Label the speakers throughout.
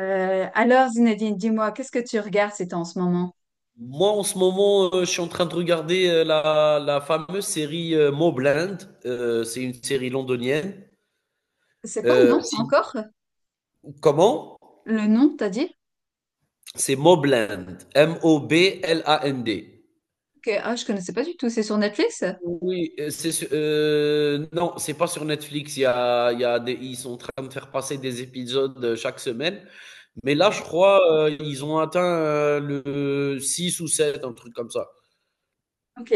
Speaker 1: Alors, Zinedine, dis-moi, qu'est-ce que tu regardes c'est en ce moment?
Speaker 2: Moi, en ce moment, je suis en train de regarder la fameuse série Mobland. C'est une série londonienne.
Speaker 1: C'est quoi le
Speaker 2: Euh,
Speaker 1: nom
Speaker 2: si-
Speaker 1: encore?
Speaker 2: comment?
Speaker 1: Le nom, t'as dit?
Speaker 2: C'est Mobland. Mobland.
Speaker 1: Ok. Ah, je connaissais pas du tout. C'est sur Netflix?
Speaker 2: Oui, non, c'est pas sur Netflix. Il y a des, ils sont en train de faire passer des épisodes chaque semaine. Mais là, je
Speaker 1: Ok.
Speaker 2: crois, ils ont atteint le 6 ou 7, un truc comme ça.
Speaker 1: Ok,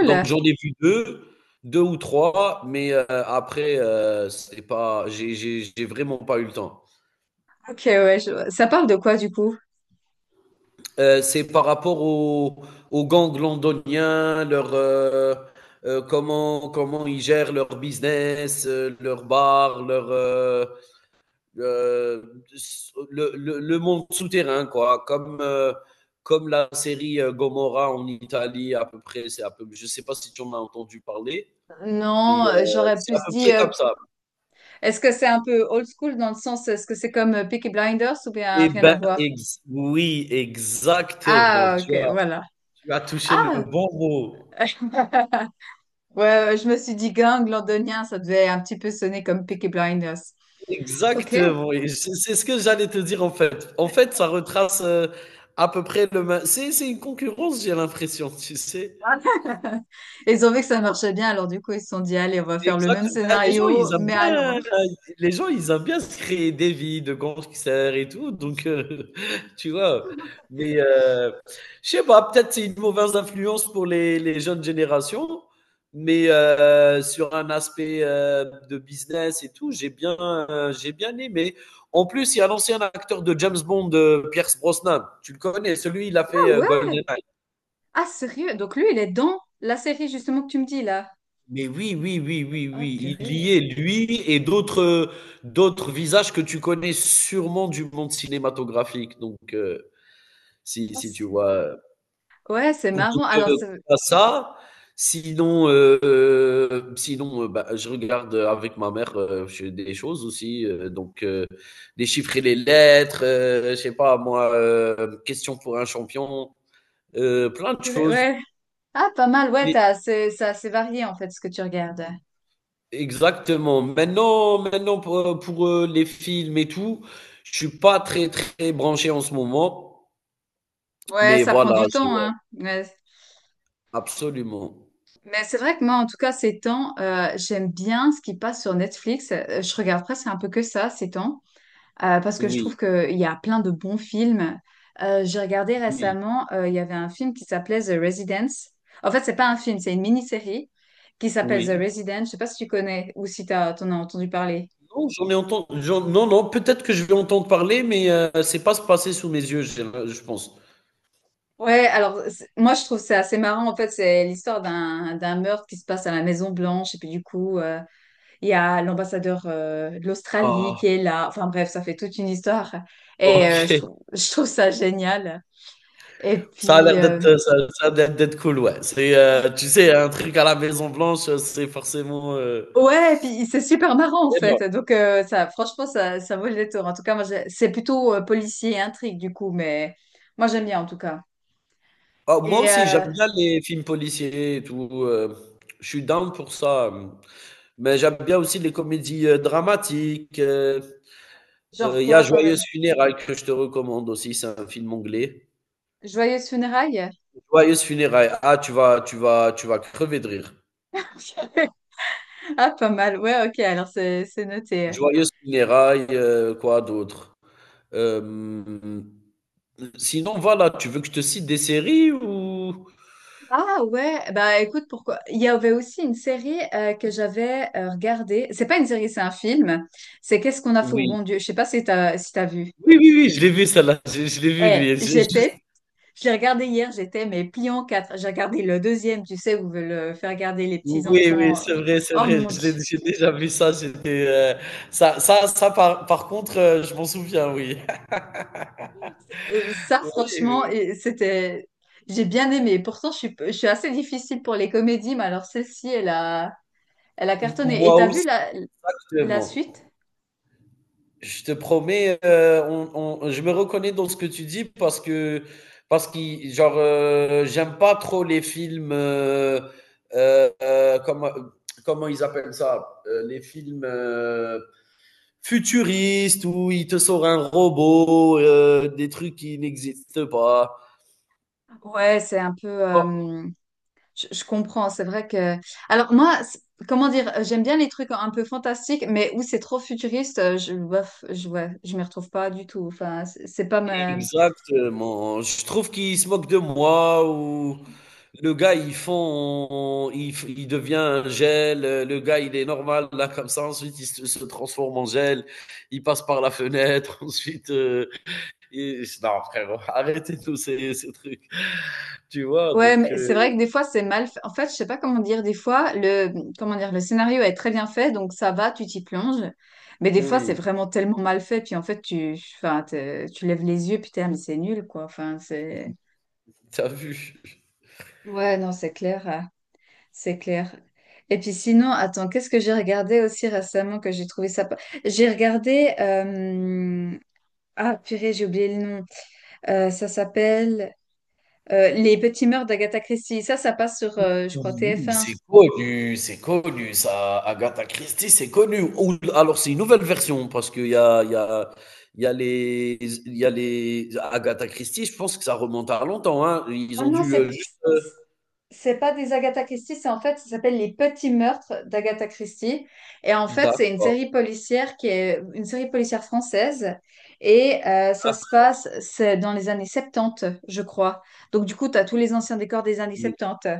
Speaker 2: Donc j'en ai vu 2 ou 3, mais après, c'est pas j'ai j'ai vraiment pas eu le temps.
Speaker 1: Ok, ouais. Ça parle de quoi du coup?
Speaker 2: C'est par rapport aux gangs londoniens, comment ils gèrent leur business, leurs bars, leur heu, le monde souterrain, quoi. Comme comme la série Gomorrah en Italie à peu près. C'est à peu je sais pas si tu en as entendu parler
Speaker 1: Non, j'aurais
Speaker 2: c'est à
Speaker 1: plus
Speaker 2: peu près
Speaker 1: dit.
Speaker 2: comme ça.
Speaker 1: Est-ce que c'est un peu old school dans le sens, est-ce que c'est comme Peaky Blinders ou bien
Speaker 2: Eh
Speaker 1: rien à
Speaker 2: ben,
Speaker 1: voir?
Speaker 2: ex oui, exactement.
Speaker 1: Ah,
Speaker 2: Tu
Speaker 1: ok,
Speaker 2: as
Speaker 1: voilà.
Speaker 2: tu as touché le
Speaker 1: Ah,
Speaker 2: bon mot.
Speaker 1: ouais, ouais, je me suis dit gang londonien, ça devait un petit peu sonner comme Peaky Blinders. Ok.
Speaker 2: Exactement, et c'est ce que j'allais te dire en fait. En fait, ça retrace, à peu près le mê c'est une concurrence, j'ai l'impression, tu sais?
Speaker 1: Ils ont vu que ça marchait bien, alors du coup, ils se sont dit, allez, on va faire le
Speaker 2: Exact.
Speaker 1: même
Speaker 2: Ben,
Speaker 1: scénario, mais à Londres.
Speaker 2: les gens, ils aiment bien se créer des vies de gangsters et tout, donc tu vois? Mais je sais pas, peut-être c'est une mauvaise influence pour les jeunes générations, mais sur un aspect de business et tout, j'ai bien aimé. En plus, il y a l'ancien acteur de James Bond, Pierce Brosnan. Tu le connais? Celui, il a
Speaker 1: Ah
Speaker 2: fait,
Speaker 1: ouais?
Speaker 2: GoldenEye.
Speaker 1: Ah sérieux? Donc lui, il est dans la série justement que tu me dis là.
Speaker 2: Mais oui, oui, oui, oui,
Speaker 1: Ah
Speaker 2: oui, il y
Speaker 1: purée.
Speaker 2: est, lui et d'autres visages que tu connais sûrement du monde cinématographique. Donc, si
Speaker 1: Ah,
Speaker 2: si tu
Speaker 1: c'est-
Speaker 2: vois?
Speaker 1: ouais, c'est
Speaker 2: Donc,
Speaker 1: marrant.
Speaker 2: heu, à ça, sinon, bah, je regarde avec ma mère je des choses aussi donc déchiffrer les lettres je sais pas, moi question pour un champion plein de
Speaker 1: Purée,
Speaker 2: choses.
Speaker 1: ouais. Ah, pas mal. C'est assez varié en fait ce que tu regardes.
Speaker 2: Exactement. Maintenant pour, les films et tout, je suis pas très très branché en ce moment,
Speaker 1: Ouais,
Speaker 2: mais
Speaker 1: ça prend
Speaker 2: voilà,
Speaker 1: du
Speaker 2: j'ai
Speaker 1: temps, hein. Ouais.
Speaker 2: absolument.
Speaker 1: Mais c'est vrai que moi, en tout cas, ces temps, j'aime bien ce qui passe sur Netflix. Je regarde presque un peu que ça, ces temps. Parce que je
Speaker 2: Oui,
Speaker 1: trouve qu'il y a plein de bons films. J'ai regardé
Speaker 2: oui,
Speaker 1: récemment, il y avait un film qui s'appelait The Residence. En fait, c'est pas un film, c'est une mini-série qui s'appelle The
Speaker 2: oui.
Speaker 1: Residence. Je sais pas si tu connais ou si t'en as entendu parler.
Speaker 2: Non, j'en ai entendu, j'en- non, non, peut-être que je vais entendre parler, mais c'est pas se passer sous mes yeux, j'ai je pense.
Speaker 1: Moi je trouve c'est assez marrant. En fait, c'est l'histoire d'un meurtre qui se passe à la Maison Blanche et puis du coup il y a l'ambassadeur de l'Australie
Speaker 2: Ah,
Speaker 1: qui est là. Enfin bref, ça fait toute une histoire et je
Speaker 2: ok.
Speaker 1: trouve je trouve ça génial. Et
Speaker 2: Ça a l'air
Speaker 1: puis
Speaker 2: d'être, euh, ça, Ça a l'air d'être cool, ouais. Tu sais, un truc à la Maison Blanche, c'est forcément
Speaker 1: Ouais, et puis c'est super marrant en fait.
Speaker 2: énorme.
Speaker 1: Donc ça, franchement, ça vaut le détour. En tout cas, c'est plutôt policier et intrigue du coup, mais moi j'aime bien en tout cas.
Speaker 2: Ah, moi
Speaker 1: Et
Speaker 2: aussi, j'aime bien les films policiers et tout. Je suis down pour ça. Mais j'aime bien aussi les comédies dramatiques. euh,
Speaker 1: genre
Speaker 2: euh, Il y a
Speaker 1: quoi, par
Speaker 2: Joyeuse
Speaker 1: exemple?
Speaker 2: Funérailles que je te recommande aussi. C'est un film anglais.
Speaker 1: Joyeuse funérailles?
Speaker 2: Joyeuse Funérailles. Ah, tu vas crever de rire.
Speaker 1: Ah, pas mal. Ouais, ok. Alors c'est noté.
Speaker 2: Joyeuse Funérailles, quoi d'autre? Euh, sinon, voilà, tu veux que je te cite des séries ou...
Speaker 1: Ah ouais. Bah écoute, pourquoi? Il y avait aussi une série que j'avais regardée. C'est pas une série, c'est un film. C'est Qu'est-ce qu'on a fait au
Speaker 2: Oui.
Speaker 1: bon Dieu? Je sais pas si t'as vu.
Speaker 2: Oui, oui, oui, je l'ai vu, celle-là. Je l'ai vu,
Speaker 1: Eh,
Speaker 2: lui.
Speaker 1: j'étais Je l'ai regardé hier, j'étais mais pliée en quatre. J'ai regardé le deuxième, tu sais, où veulent faire regarder les
Speaker 2: Oui, oui,
Speaker 1: petits-enfants.
Speaker 2: c'est
Speaker 1: euh.
Speaker 2: vrai, c'est
Speaker 1: Oh
Speaker 2: vrai.
Speaker 1: mon Dieu.
Speaker 2: J'ai déjà vu ça. J'étais, ça, ça, ça par, par contre, je m'en souviens, oui.
Speaker 1: Ça,
Speaker 2: Oui,
Speaker 1: franchement,
Speaker 2: oui.
Speaker 1: et c'était... J'ai bien aimé. Pourtant, je suis assez difficile pour les comédies, mais alors celle-ci, elle a cartonné. Et
Speaker 2: Moi
Speaker 1: t'as vu
Speaker 2: aussi,
Speaker 1: la
Speaker 2: exactement.
Speaker 1: suite?
Speaker 2: Je te promets, je me reconnais dans ce que tu dis parce que, genre j'aime pas trop les films, euh, euh, comment, comment ils appellent ça? Les films futuristes où il te sort un robot, des trucs qui n'existent pas.
Speaker 1: Ouais, c'est un peu... je comprends, c'est vrai que... Alors moi, c'est- comment dire, j'aime bien les trucs un peu fantastiques, mais où c'est trop futuriste, ouais, je m'y retrouve pas du tout. Enfin, c'est pas ma,
Speaker 2: Exactement. Je trouve qu'ils se moquent de moi ou le gars, ils font, il, f- il devient un gel. Le gars, il est normal là comme ça. Ensuite, il se transforme en gel. Il passe par la fenêtre. Ensuite, non, frérot, arrêtez tous ces trucs. Tu vois,
Speaker 1: Ouais,
Speaker 2: donc
Speaker 1: mais c'est vrai que des fois c'est mal fait. En fait, je sais pas comment dire. Des fois, le comment dire, le scénario est très bien fait, donc ça va, tu t'y plonges. Mais des fois, c'est
Speaker 2: oui,
Speaker 1: vraiment tellement mal fait, puis en fait, tu lèves les yeux, puis putain, mais c'est nul, quoi. Enfin, c'est.
Speaker 2: t'as vu.
Speaker 1: Ouais, non, c'est clair. Et puis sinon, attends, qu'est-ce que j'ai regardé aussi récemment que j'ai trouvé ça. Pas- J'ai regardé. Ah, purée, j'ai oublié le nom. Ça s'appelle Les Petits Mœurs d'Agatha Christie. Ça passe sur, je crois,
Speaker 2: Oui.
Speaker 1: TF1.
Speaker 2: C'est connu, c'est connu, ça. Agatha Christie, c'est connu. Ou alors c'est une nouvelle version parce qu'il y a les Agatha Christie. Je pense que ça remonte à longtemps, hein. Ils
Speaker 1: Ah
Speaker 2: ont
Speaker 1: non,
Speaker 2: dû
Speaker 1: c'est
Speaker 2: juste.
Speaker 1: c'est pas des Agatha Christie, c'est en fait, ça s'appelle Les Petits Meurtres d'Agatha Christie. Et en fait, c'est une
Speaker 2: D'accord.
Speaker 1: série policière qui est une série policière française. Et ça se
Speaker 2: Ah,
Speaker 1: passe, c'est dans les années 70, je crois. Donc du coup, tu as tous les anciens décors des années
Speaker 2: oui.
Speaker 1: 70.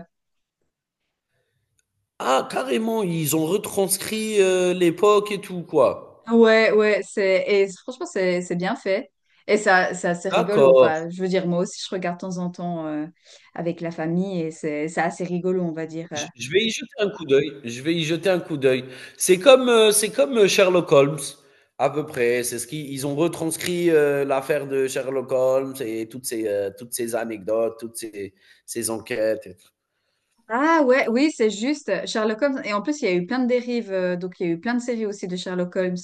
Speaker 2: Ah, carrément, ils ont retranscrit l'époque et tout, quoi.
Speaker 1: Ouais, ouais, c'est et franchement, c'est bien fait. Et ça, c'est assez rigolo.
Speaker 2: D'accord.
Speaker 1: Enfin, je veux dire, moi aussi, je regarde de temps en temps avec la famille et c'est assez rigolo, on va dire.
Speaker 2: Je vais y jeter un coup d'œil, je vais y jeter un coup d'œil. C'est comme Sherlock Holmes, à peu près. C'est ce qu'ils ont retranscrit, l'affaire de Sherlock Holmes et toutes ces anecdotes, toutes ces enquêtes et tout.
Speaker 1: Ah ouais, oui, c'est juste. Sherlock Holmes. Et en plus, il y a eu plein de dérives. Donc, il y a eu plein de séries aussi de Sherlock Holmes.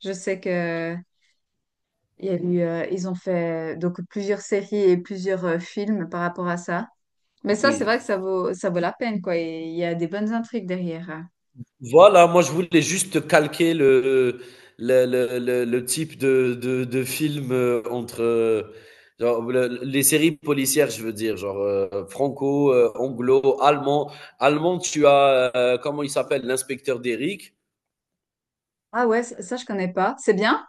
Speaker 1: Je sais que il y a eu, ils ont fait donc plusieurs séries et plusieurs films par rapport à ça. Mais ça, c'est
Speaker 2: Oui.
Speaker 1: vrai que ça vaut la peine, quoi. Et il y a des bonnes intrigues derrière.
Speaker 2: Voilà, moi je voulais juste calquer le type de film entre genre, les séries policières, je veux dire, genre franco, anglo, allemand. Allemand, tu as, comment il s'appelle, l'inspecteur d'Eric.
Speaker 1: Ah ouais, je connais pas. C'est bien?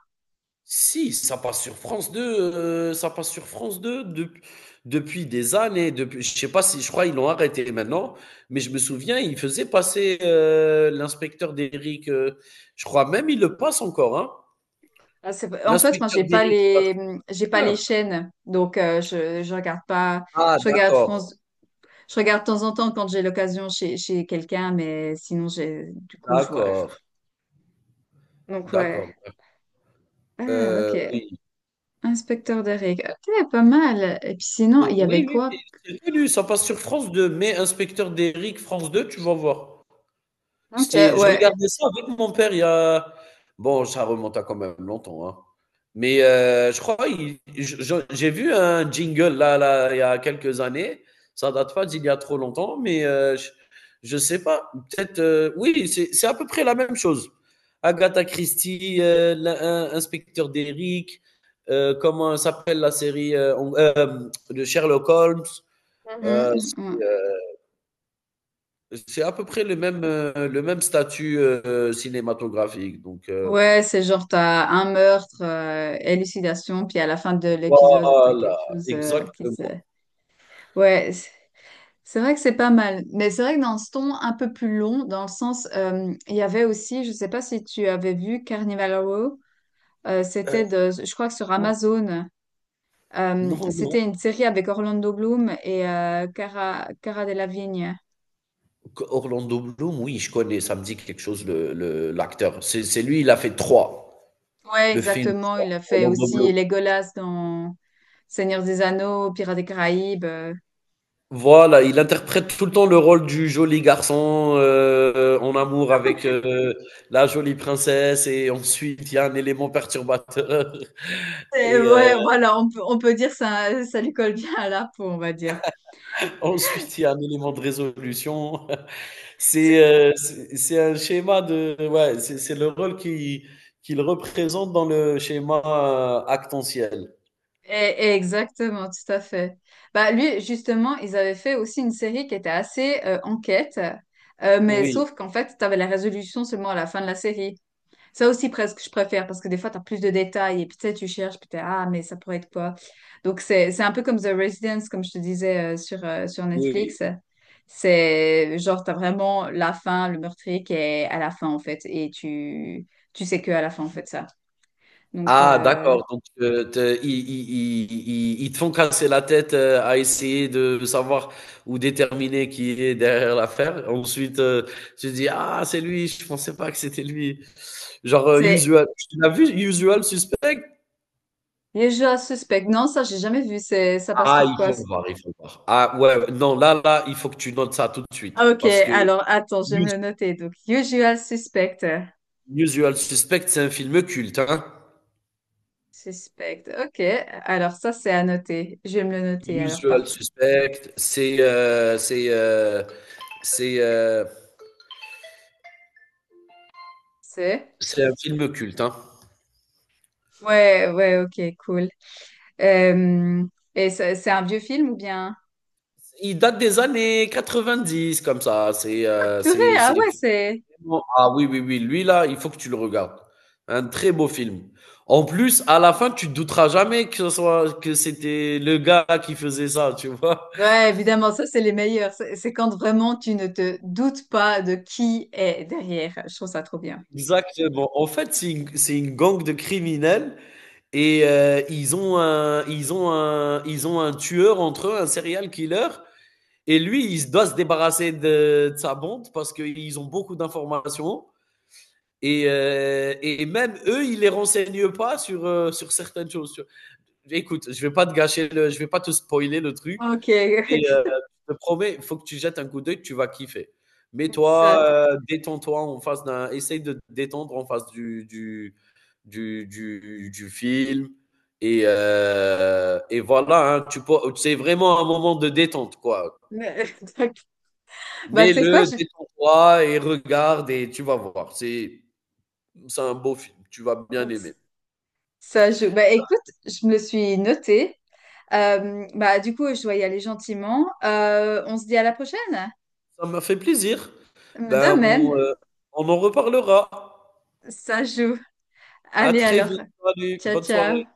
Speaker 2: Si, ça passe sur France 2, euh, ça passe sur France 2 de- depuis des années. Depuis, je sais pas si, je crois ils l'ont arrêté maintenant, mais je me souviens, ils faisaient passer l'inspecteur d'Eric. Je crois même ils le passent encore, hein.
Speaker 1: En fait, moi,
Speaker 2: L'inspecteur Deric, ça,
Speaker 1: j'ai
Speaker 2: c'est
Speaker 1: pas les
Speaker 2: bien.
Speaker 1: chaînes, donc je regarde pas.
Speaker 2: Ah,
Speaker 1: Je regarde
Speaker 2: d'accord,
Speaker 1: France, je regarde de temps en temps quand j'ai l'occasion chez quelqu'un, mais sinon, j'ai, du coup,
Speaker 2: d'accord,
Speaker 1: Donc
Speaker 2: d'accord.
Speaker 1: ouais. Ah,
Speaker 2: Euh,
Speaker 1: ok.
Speaker 2: oui,
Speaker 1: Inspecteur de règles. Ok, pas mal. Et puis sinon, il y
Speaker 2: oui,
Speaker 1: avait
Speaker 2: oui, oui,
Speaker 1: quoi?
Speaker 2: c'est connu, ça passe sur France 2. Mais inspecteur Deric, France 2, tu vas voir.
Speaker 1: Ok,
Speaker 2: C'est je
Speaker 1: ouais.
Speaker 2: regardais ça avec mon père il y a bon, ça remonte à quand même longtemps, hein. Mais je crois il je j'ai vu un jingle il y a quelques années. Ça date pas d'il y a trop longtemps, mais je sais pas, peut-être, oui, c'est à peu près la même chose. Agatha Christie, l'in in inspecteur Derrick, comment s'appelle la série de Sherlock Holmes, heu,
Speaker 1: Mhm, mhm.
Speaker 2: c'est à peu près le même statut cinématographique. Donc,
Speaker 1: Ouais, c'est genre, t'as un meurtre, élucidation, puis à la fin de l'épisode, t'as
Speaker 2: voilà,
Speaker 1: quelque chose qui se...
Speaker 2: exactement.
Speaker 1: Ouais, c'est vrai que c'est pas mal. Mais c'est vrai que dans ce ton un peu plus long, dans le sens, il y avait aussi, je sais pas si tu avais vu Carnival Row,
Speaker 2: Euh,
Speaker 1: c'était de, je crois que sur
Speaker 2: non,
Speaker 1: Amazon,
Speaker 2: non, non.
Speaker 1: c'était une série avec Orlando Bloom et Cara Delevingne.
Speaker 2: Orlando Bloom, oui, je connais, ça me dit quelque chose, l'acteur. C'est lui, il a fait
Speaker 1: Ouais,
Speaker 2: le film
Speaker 1: exactement. Il a fait
Speaker 2: Orlando
Speaker 1: aussi
Speaker 2: Bloom.
Speaker 1: Legolas dans Seigneur des Anneaux, Pirates des Caraïbes.
Speaker 2: Voilà, il interprète tout le temps le rôle du joli garçon en amour avec la jolie princesse, et ensuite il y a un élément perturbateur,
Speaker 1: Et
Speaker 2: et
Speaker 1: ouais, voilà, on peut dire ça, ça lui colle bien à la peau, on va dire.
Speaker 2: ensuite il y a un élément de résolution. C'est,
Speaker 1: C'est-
Speaker 2: c'est un schéma de ouais, c'est le rôle qui qu'il représente dans le schéma, actentiel.
Speaker 1: et- et exactement, tout à fait. Bah, lui, justement, ils avaient fait aussi une série qui était assez enquête, mais
Speaker 2: Oui,
Speaker 1: sauf qu'en fait, tu avais la résolution seulement à la fin de la série. Ça aussi, presque, je préfère, parce que des fois, tu as plus de détails, et puis tu sais, tu cherches, puis t'es, ah, mais ça pourrait être quoi? Donc, c'est un peu comme The Residence, comme je te disais, sur sur
Speaker 2: oui.
Speaker 1: Netflix. C'est genre, tu as vraiment la fin, le meurtrier qui est à la fin, en fait, et tu sais que à la fin, en fait, ça. Donc,
Speaker 2: Ah, d'accord, donc te ils te font casser la tête, à essayer de savoir ou déterminer qui est derrière l'affaire. Ensuite, tu te dis: «Ah, c'est lui, je pensais pas que c'était lui». Genre,
Speaker 1: c'est
Speaker 2: Usual tu l'as vu Usual Suspect?
Speaker 1: déjà suspect. Non, ça, j'ai jamais vu. Ça passe
Speaker 2: Ah,
Speaker 1: sur
Speaker 2: il
Speaker 1: quoi?
Speaker 2: faut le voir, il faut le voir. Ah ouais, ouais, non, il faut que tu notes ça tout de suite
Speaker 1: Ah, ok,
Speaker 2: parce que
Speaker 1: alors, attends, je vais me
Speaker 2: Us-
Speaker 1: le noter. Donc, Usual Suspect.
Speaker 2: Usual Suspect, c'est un film culte, hein.
Speaker 1: Suspect. Ok, alors ça, c'est à noter. Je vais me le noter, alors,
Speaker 2: Usual
Speaker 1: parfait.
Speaker 2: Suspect, c'est euh,
Speaker 1: C'est?
Speaker 2: c'est un film culte, hein.
Speaker 1: Ouais, ok, cool. Euh, et c'est un vieux film ou bien?
Speaker 2: Il date des années 90, comme ça.
Speaker 1: Purée, ah
Speaker 2: C'est
Speaker 1: ouais, c'est...
Speaker 2: vraiment ah Oui, oui, oui, lui là, il faut que tu le regardes. Un très beau film. En plus, à la fin, tu te douteras jamais que ce soit que c'était le gars qui faisait ça, tu vois?
Speaker 1: Ouais, évidemment, ça, c'est les meilleurs. C'est quand vraiment tu ne te doutes pas de qui est derrière. Je trouve ça trop bien.
Speaker 2: Exactement. En fait, c'est une gang de criminels et ils ont un tueur entre eux, un serial killer. Et lui, il doit se débarrasser de sa bande parce qu'ils ont beaucoup d'informations. Et même eux, ils les renseignent pas sur certaines choses. Écoute, je vais pas te spoiler le truc,
Speaker 1: Ok,
Speaker 2: mais je te promets, il faut que tu jettes un coup d'œil, tu vas kiffer.
Speaker 1: ça.
Speaker 2: Détends-toi en face d'un. Essaye de te détendre en face du film. Et voilà, hein, c'est vraiment un moment de détente, quoi.
Speaker 1: Bah, tu sais quoi,
Speaker 2: Mets-le,
Speaker 1: je-
Speaker 2: détends-toi et regarde et tu vas voir. C'est un beau film, tu vas bien aimer.
Speaker 1: ça joue. Bah, écoute, je me le suis noté. Bah, du coup, je dois y aller gentiment. On se dit à la prochaine.
Speaker 2: Ça m'a fait plaisir.
Speaker 1: De
Speaker 2: Ben,
Speaker 1: même,
Speaker 2: on en reparlera.
Speaker 1: ça joue.
Speaker 2: À
Speaker 1: Allez
Speaker 2: très
Speaker 1: alors.
Speaker 2: vite. Salut,
Speaker 1: Ciao,
Speaker 2: bonne
Speaker 1: ciao.
Speaker 2: soirée.